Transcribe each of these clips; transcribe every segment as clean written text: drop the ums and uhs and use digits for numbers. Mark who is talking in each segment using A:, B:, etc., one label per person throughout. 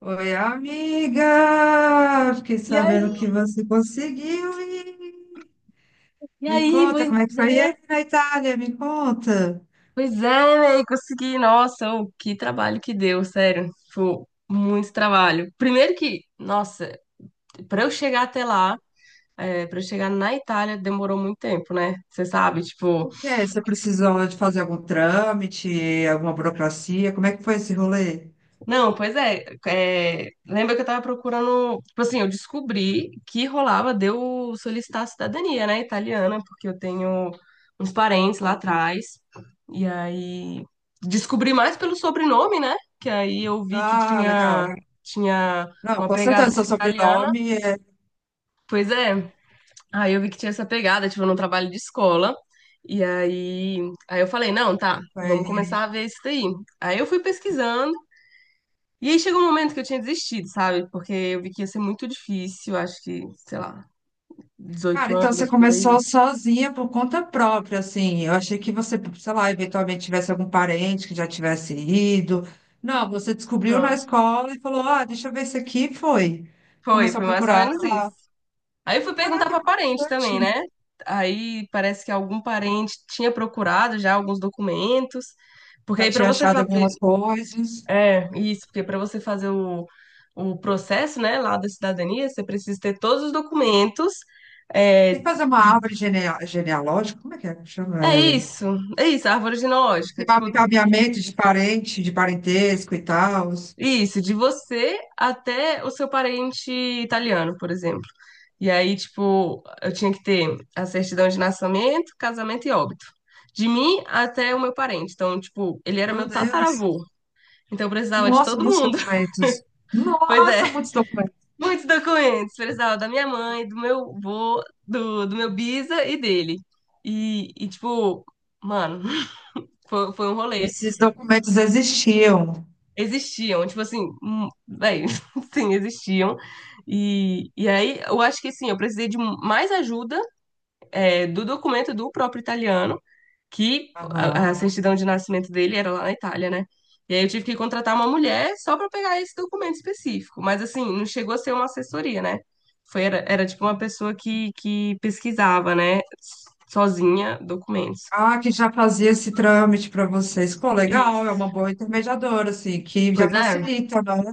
A: Oi, amiga! Fiquei
B: E aí,
A: sabendo que você conseguiu ir.
B: e
A: Me
B: aí,
A: conta como é que foi
B: é,
A: aí na Itália, me conta.
B: pois é, véi, consegui. Nossa, ô, que trabalho que deu, sério. Foi muito trabalho. Primeiro que, nossa, pra eu chegar até lá, é, para eu chegar na Itália, demorou muito tempo, né? Você sabe, tipo.
A: O que é? Você precisou de fazer algum trâmite, alguma burocracia? Como é que foi esse rolê?
B: Não, pois é, lembra que eu tava procurando. Tipo assim, eu descobri que rolava de eu solicitar a cidadania, né, italiana, porque eu tenho uns parentes lá atrás. E aí. Descobri mais pelo sobrenome, né? Que aí eu vi que
A: Ah, legal.
B: tinha
A: Não,
B: uma
A: com
B: pegada
A: certeza, seu
B: assim, italiana.
A: sobrenome é,
B: Pois é, aí eu vi que tinha essa pegada, tipo, num trabalho de escola. E aí, aí eu falei, não, tá, vamos
A: foi.
B: começar a ver isso daí. Aí eu fui pesquisando. E aí chegou um momento que eu tinha desistido, sabe? Porque eu vi que ia ser muito difícil, acho que, sei lá, dezoito
A: Cara, então você
B: anos por aí.
A: começou sozinha por conta própria, assim. Eu achei que você, sei lá, eventualmente tivesse algum parente que já tivesse ido. Não, você descobriu na
B: Não,
A: escola e falou: Ah, deixa eu ver isso aqui. E foi.
B: foi,
A: Começou a
B: foi mais ou
A: procurar.
B: menos isso. Aí eu fui perguntar
A: Caraca,
B: pra
A: que
B: parente também,
A: interessante.
B: né? Aí parece que algum parente tinha procurado já alguns documentos, porque
A: Já
B: aí pra
A: tinha
B: você
A: achado
B: fazer,
A: algumas coisas.
B: isso, porque pra você fazer o processo, né, lá da cidadania, você precisa ter todos os documentos, é,
A: Tem que fazer uma
B: de-
A: árvore genealógica, como é que chama?
B: é isso, é isso, a árvore genealógica.
A: Esse
B: Tipo,
A: mapeamento de parente, de parentesco e tal.
B: isso, de você até o seu parente italiano, por exemplo. E aí, tipo, eu tinha que ter a certidão de nascimento, casamento e óbito. De mim até o meu parente. Então, tipo, ele era
A: Meu
B: meu
A: Deus.
B: tataravô. Então, eu precisava de
A: Nossa,
B: todo
A: muitos
B: mundo.
A: documentos.
B: Pois é,
A: Nossa, muitos documentos.
B: muitos documentos. Precisava da minha mãe, do meu vô, do meu bisa e dele. E tipo, mano, foi um rolê.
A: Esses documentos existiam.
B: Existiam, tipo assim, bem, sim, existiam. E aí eu acho que assim, eu precisei de mais ajuda, do documento do próprio italiano, que
A: Aham.
B: a certidão de nascimento dele era lá na Itália, né? E aí eu tive que contratar uma mulher só para pegar esse documento específico. Mas assim, não chegou a ser uma assessoria, né? Era tipo uma pessoa que pesquisava, né, sozinha documentos.
A: Ah, que já fazia esse trâmite para vocês. Pô,
B: E,
A: legal, é uma boa intermediadora, assim, que já
B: Pois é.
A: facilita, né?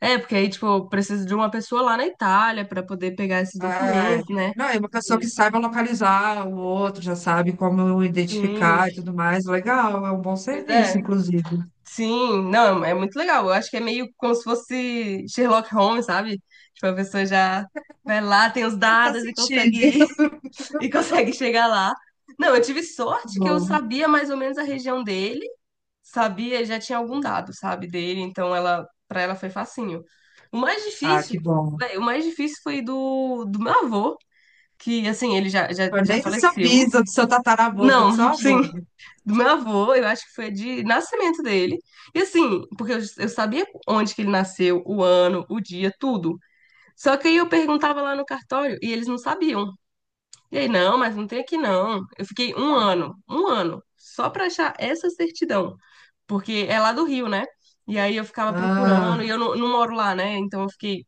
B: É, porque aí, tipo, eu preciso de uma pessoa lá na Itália para poder pegar esses
A: É,
B: documentos, né?
A: não, é uma pessoa que
B: E-
A: saiba localizar o outro, já sabe como
B: Sim,
A: identificar e tudo mais. Legal, é um bom
B: pois é.
A: serviço, inclusive.
B: Sim, não, é muito legal. Eu acho que é meio como se fosse Sherlock Holmes, sabe? Tipo, a pessoa já vai lá, tem os
A: E tá
B: dados e
A: sentindo.
B: consegue
A: Que
B: e consegue chegar lá. Não, eu tive sorte que eu
A: bom.
B: sabia mais ou menos a região dele, sabia, já tinha algum dado, sabe, dele, então ela para ela foi facinho. O mais
A: Ah,
B: difícil,
A: que bom.
B: véi, o mais difícil foi do meu avô. Que assim, ele já, já,
A: Foi
B: já
A: nem do seu
B: faleceu.
A: bisa, do seu tataravô, foi do
B: Não,
A: seu
B: sim,
A: avô.
B: do meu avô, eu acho que foi de nascimento dele. E assim, porque eu sabia onde que ele nasceu, o ano, o dia, tudo. Só que aí eu perguntava lá no cartório e eles não sabiam. E aí, não, mas não tem aqui não. Eu fiquei um ano, só pra achar essa certidão. Porque é lá do Rio, né? E aí eu ficava
A: Ah,
B: procurando, e eu não, não moro lá, né? Então eu fiquei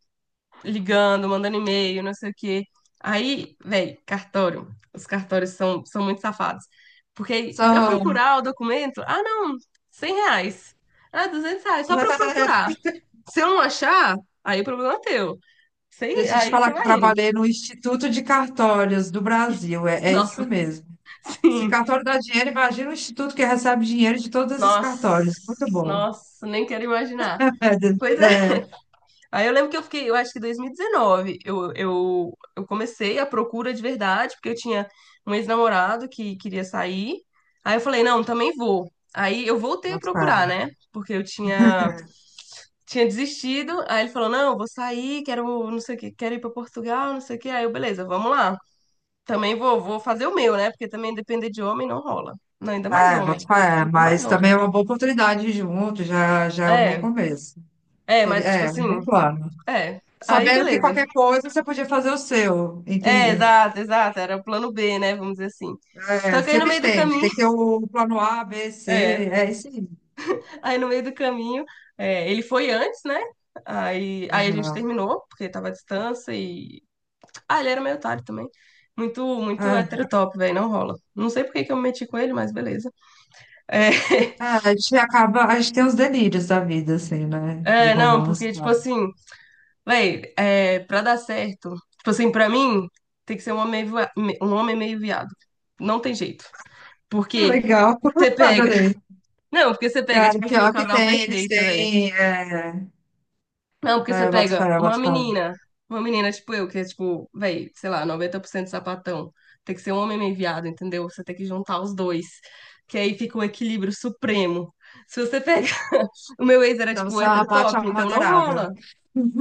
B: ligando, mandando e-mail, não sei o quê. Aí, velho, cartório. Os cartórios são muito safados. Porque para
A: são.
B: procurar o documento, ah, não, 100 reais. Ah, 200 reais, só para eu procurar. Se eu não achar, aí o problema é teu. Sem,
A: Deixa eu te
B: aí você
A: falar que eu
B: vai indo.
A: trabalhei no Instituto de Cartórios do Brasil. É, é isso
B: Nossa,
A: mesmo. Se
B: sim.
A: cartório dá dinheiro, imagina o instituto que recebe dinheiro de todos esses
B: Nossa,
A: cartórios. Muito bom.
B: nossa, nem quero imaginar.
A: É, de-
B: Pois
A: é,
B: é. Aí eu lembro que eu fiquei, eu acho que 2019, eu comecei a procura de verdade, porque eu tinha um ex-namorado que queria sair. Aí eu falei, não, também vou. Aí eu voltei a
A: boto
B: procurar,
A: fé.
B: né? Porque eu tinha desistido. Aí ele falou, não, eu vou sair, quero, não sei o quê, quero ir para Portugal, não sei o quê. Aí eu, beleza, vamos lá. Também vou fazer o meu, né? Porque também depender de homem não rola. Não, ainda mais
A: É,
B: homem.
A: boto fé.
B: Ainda mais
A: Mas
B: homem.
A: também é uma boa oportunidade junto, já é um bom
B: É,
A: começo.
B: é,
A: Seria,
B: mas tipo
A: é, um
B: assim,
A: bom plano.
B: é. Aí
A: Sabendo que
B: beleza.
A: qualquer coisa você podia fazer o seu,
B: É,
A: entende?
B: exato, exato. Era o plano B, né? Vamos dizer assim. Só
A: É,
B: que aí no
A: sempre
B: meio do
A: tem.
B: caminho,
A: Tem que ter o plano A, B, C.
B: é,
A: É isso aí.
B: aí no meio do caminho, ele foi antes, né? Aí a gente
A: Aham.
B: terminou, porque tava à distância e. Ah, ele era meio otário também. Muito, muito
A: É.
B: heterotop, velho, não rola. Não sei por que que eu me meti com ele, mas beleza. É,
A: Ah, a gente acaba, a gente tem os delírios da vida, assim, né? De
B: é, não,
A: romance
B: porque,
A: e
B: tipo
A: tal.
B: assim, velho, é, pra dar certo, tipo assim, pra mim, tem que ser um homem meio viado. Não tem jeito. Porque
A: Legal,
B: você pega.
A: adorei.
B: Não, porque você pega,
A: Cara,
B: tipo assim, o
A: pior que
B: casal
A: tem, eles
B: perfeito, velho.
A: têm.
B: Não, porque você
A: É, bota
B: pega
A: fé, bota fé.
B: uma menina tipo eu, que é tipo, velho, sei lá, 90% sapatão. Tem que ser um homem meio viado, entendeu? Você tem que juntar os dois. Que aí fica o equilíbrio supremo. Se você pega. O meu ex era
A: Então
B: tipo
A: você é
B: hétero
A: uma parte
B: top, então não
A: amadeirada.
B: rola.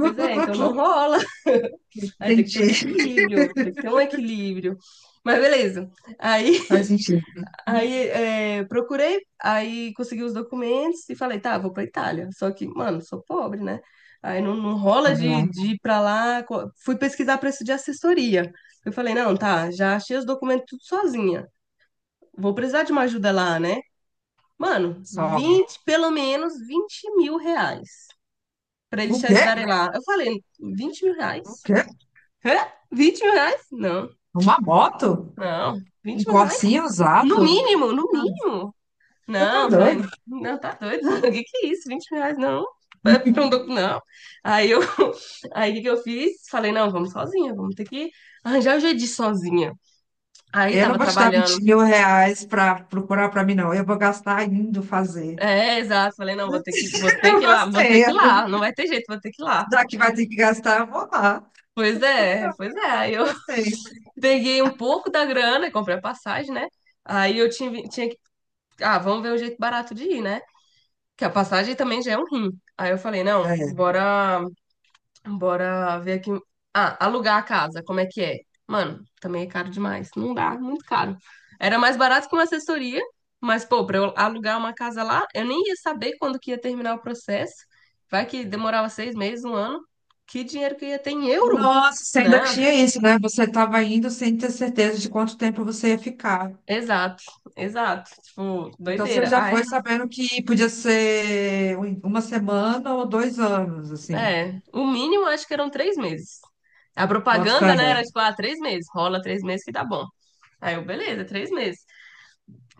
B: Pois é, então não rola. Aí tem que ter
A: Entendi.
B: um equilíbrio, tem que ter um equilíbrio. Mas beleza. Aí
A: Faz sentido.
B: Aí é, procurei, aí consegui os documentos e falei, tá, vou pra Itália. Só que, mano, sou pobre, né? Aí não, não rola de,
A: Aham.
B: de ir pra lá. Fui pesquisar preço de assessoria. Eu falei, não, tá, já achei os documentos tudo sozinha. Vou precisar de uma ajuda lá, né? Mano,
A: Só.
B: 20 pelo menos 20 mil reais pra eles
A: O
B: te
A: quê?
B: ajudarem lá. Eu falei, 20 mil
A: O
B: reais?
A: quê?
B: Hã? 20 mil reais? Não,
A: Uma moto?
B: não,
A: Um
B: 20 mil reais?
A: corsinho
B: No
A: usado?
B: mínimo, no
A: Você tá,
B: mínimo.
A: você tá
B: Não, falei,
A: doido?
B: não, tá doido, o que que é isso? 20 reais, não. É pra um não. Aí eu, aí o que que eu fiz? Falei, não, vamos sozinha, vamos ter que arranjar o jeito de ir sozinha. Aí
A: Eu não
B: tava
A: vou te dar
B: trabalhando.
A: 20 mil reais pra procurar pra mim, não. Eu vou gastar indo fazer.
B: É, exato. Falei, não, vou ter
A: Eu
B: que ir lá, vou ter
A: gostei.
B: que ir lá, não vai ter jeito, vou ter que ir lá.
A: Já que vai ter que gastar, eu vou lá.
B: Pois é, pois é. Aí eu
A: Gostei.
B: peguei um pouco da grana, comprei a passagem, né? Aí eu tinha que, ah, vamos ver o jeito barato de ir, né? Que a passagem também já é um rim. Aí eu falei, não,
A: É.
B: bora ver aqui. Ah, alugar a casa, como é que é? Mano, também é caro demais. Não dá, muito caro. Era mais barato que uma assessoria, mas, pô, pra eu alugar uma casa lá, eu nem ia saber quando que ia terminar o processo. Vai que demorava 6 meses, um ano. Que dinheiro que eu ia ter em euro?
A: Nossa, você ainda
B: Não,
A: tinha isso, né? Você estava indo sem ter certeza de quanto tempo você ia ficar.
B: exato, exato. Tipo,
A: Então você
B: doideira.
A: já
B: Ah,
A: foi sabendo que podia ser uma semana ou dois anos, assim.
B: é. É. O mínimo acho que eram 3 meses. A propaganda,
A: Bota
B: né,
A: fé.
B: era tipo, ah, 3 meses. Rola 3 meses que dá bom. Aí eu, beleza, 3 meses.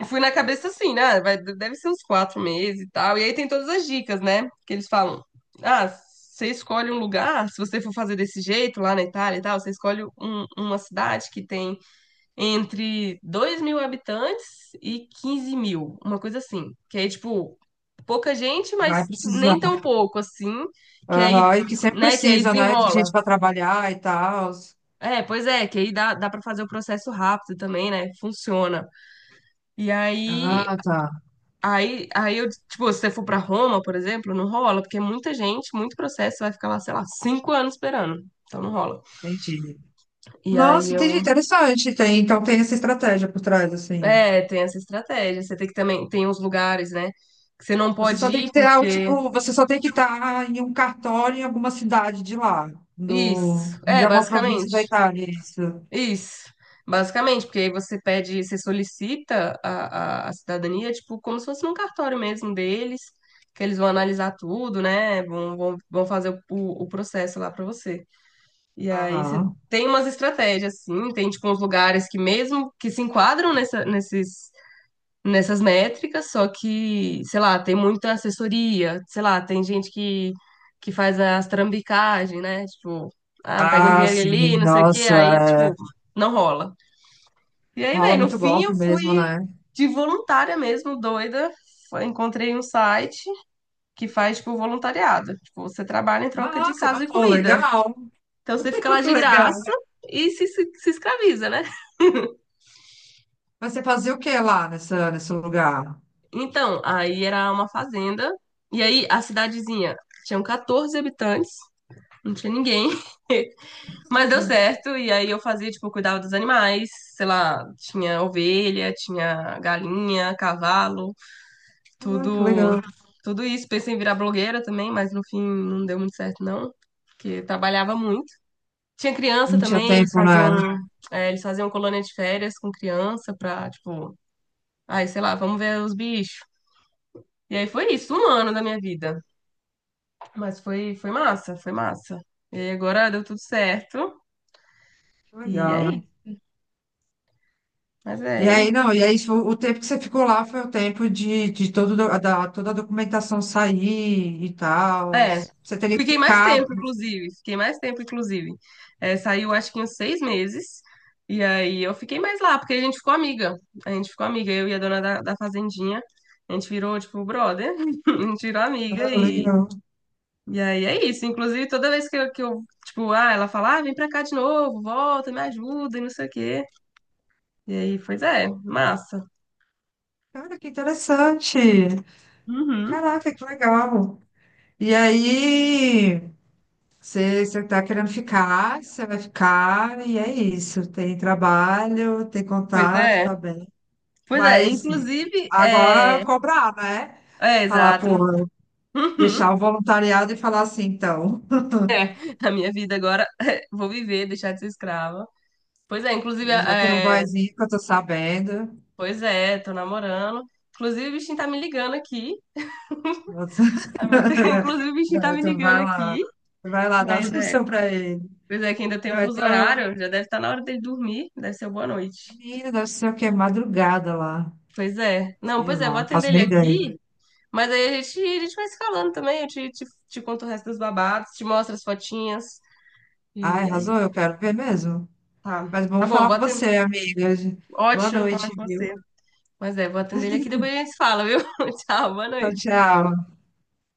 B: E fui na cabeça assim, né? Vai, deve ser uns 4 meses e tal. E aí tem todas as dicas, né? Que eles falam: ah, você escolhe um lugar, se você for fazer desse jeito lá na Itália e tal, você escolhe uma cidade que tem entre 2 mil habitantes e 15 mil, uma coisa assim. Que aí, tipo, pouca gente,
A: Vai
B: mas nem
A: precisar.
B: tão pouco assim. Que aí,
A: Aham, e que sempre
B: né? Que aí
A: precisa, né? De gente
B: desenrola.
A: para trabalhar e tal.
B: É, pois é, que aí dá para fazer o processo rápido também, né? Funciona. E aí
A: Ah, tá.
B: aí eu, tipo, se você for pra Roma, por exemplo, não rola, porque é muita gente, muito processo, você vai ficar lá, sei lá, 5 anos esperando. Então não rola.
A: Entendi.
B: E aí
A: Nossa, entendi.
B: eu.
A: Interessante. Tem, então tem essa estratégia por trás, assim.
B: É, tem essa estratégia. Você tem que também. Tem uns lugares, né? Que você não pode ir porque.
A: Você só tem que estar em um cartório em alguma cidade de lá,
B: Isso.
A: no, de
B: É,
A: alguma província
B: basicamente.
A: da Itália, é isso.
B: Isso. Basicamente, porque aí você pede, você solicita a cidadania, tipo, como se fosse num cartório mesmo deles, que eles vão analisar tudo, né? Vão fazer o processo lá pra você. E aí você
A: Aham.
B: tem umas estratégias, assim tem tipo uns lugares que mesmo que se enquadram nessa, nesses, nessas métricas, só que, sei lá, tem muita assessoria, sei lá, tem gente que, faz as trambicagens, né? Tipo, ah, pega um
A: Ah,
B: dinheiro
A: sim,
B: ali, não sei o quê,
A: nossa,
B: aí,
A: é,
B: tipo, não rola. E aí,
A: rola
B: velho, no
A: muito
B: fim eu
A: golpe mesmo,
B: fui
A: né?
B: de voluntária mesmo, doida. Encontrei um site que faz, tipo, voluntariado. Tipo, você trabalha em troca de
A: Nossa, mas,
B: casa e
A: pô,
B: comida.
A: legal,
B: Então você fica lá de
A: legal.
B: graça e se escraviza, né?
A: Mas você fazia o que lá nessa, nesse lugar?
B: Então, aí era uma fazenda. E aí a cidadezinha tinha 14 habitantes, não tinha ninguém, mas deu
A: Hum.
B: certo. E aí eu fazia, tipo, eu cuidava dos animais, sei lá, tinha ovelha, tinha galinha, cavalo,
A: Ah, que
B: tudo,
A: legal.
B: tudo isso. Pensei em virar blogueira também, mas no fim não deu muito certo, não. Porque trabalhava muito. Tinha criança
A: Não tinha
B: também,
A: tempo, né?
B: eles faziam colônia de férias com criança pra, tipo, aí, sei lá, vamos ver os bichos. E aí foi isso, um ano da minha vida. Mas foi massa, foi massa. E aí agora deu tudo certo.
A: Que
B: E
A: legal.
B: aí, mas
A: E
B: é
A: aí,
B: isso.
A: não, e aí o tempo que você ficou lá foi o tempo de, toda a documentação sair e tal.
B: É,
A: Você teria que
B: fiquei mais
A: ficar.
B: tempo, inclusive. Fiquei mais tempo, inclusive. É, saiu acho que uns 6 meses. E aí eu fiquei mais lá, porque a gente ficou amiga. A gente ficou amiga, eu e a dona da fazendinha. A gente virou, tipo, brother. A gente virou amiga
A: Ah,
B: e
A: legal.
B: E aí é isso. Inclusive, toda vez que eu, tipo, ah, ela fala, ah, vem pra cá de novo, volta, me ajuda e não sei o quê. E aí, pois é, massa.
A: Cara, que interessante.
B: Uhum.
A: Caraca, que legal. E aí, você tá querendo ficar, você vai ficar, e é isso. Tem trabalho, tem
B: Pois
A: contato,
B: é.
A: tá bem.
B: Pois é,
A: Mas
B: inclusive,
A: agora é
B: é.
A: cobrar, né?
B: É,
A: Falar,
B: exato.
A: porra,
B: Uhum.
A: deixar o voluntariado e falar assim, então.
B: A minha vida agora, vou viver, deixar de ser escrava. Pois é, inclusive,
A: Já tem um
B: é.
A: boyzinho que eu tô sabendo.
B: Pois é, tô namorando. Inclusive, o bichinho tá me ligando aqui.
A: Você-
B: Ah, Inclusive, o bichinho tá
A: Não,
B: me
A: então
B: ligando
A: vai
B: aqui.
A: lá. Vai lá dar
B: Mas é,
A: atenção pra ele.
B: pois é, que ainda tem o
A: Não,
B: fuso
A: então,
B: horário, já deve estar na hora dele dormir. Deve ser boa noite.
A: menina, deve ser o quê? Madrugada lá.
B: Pois é. Não,
A: Sei
B: pois é, vou
A: lá, não
B: atender
A: faço
B: ele
A: nem ideia.
B: aqui, mas aí a gente vai se falando também. Eu te conto o resto dos babados, te mostro as fotinhas.
A: Ai,
B: E aí,
A: arrasou, eu quero ver mesmo.
B: tá.
A: Mas
B: Tá
A: vamos
B: bom,
A: falar
B: vou
A: com
B: atender.
A: você, amiga. Boa
B: Ótimo falar
A: noite,
B: com
A: viu?
B: você. Mas é, vou atender ele aqui, depois a gente se fala, viu? Tchau, boa
A: Tchau,
B: noite.
A: tchau.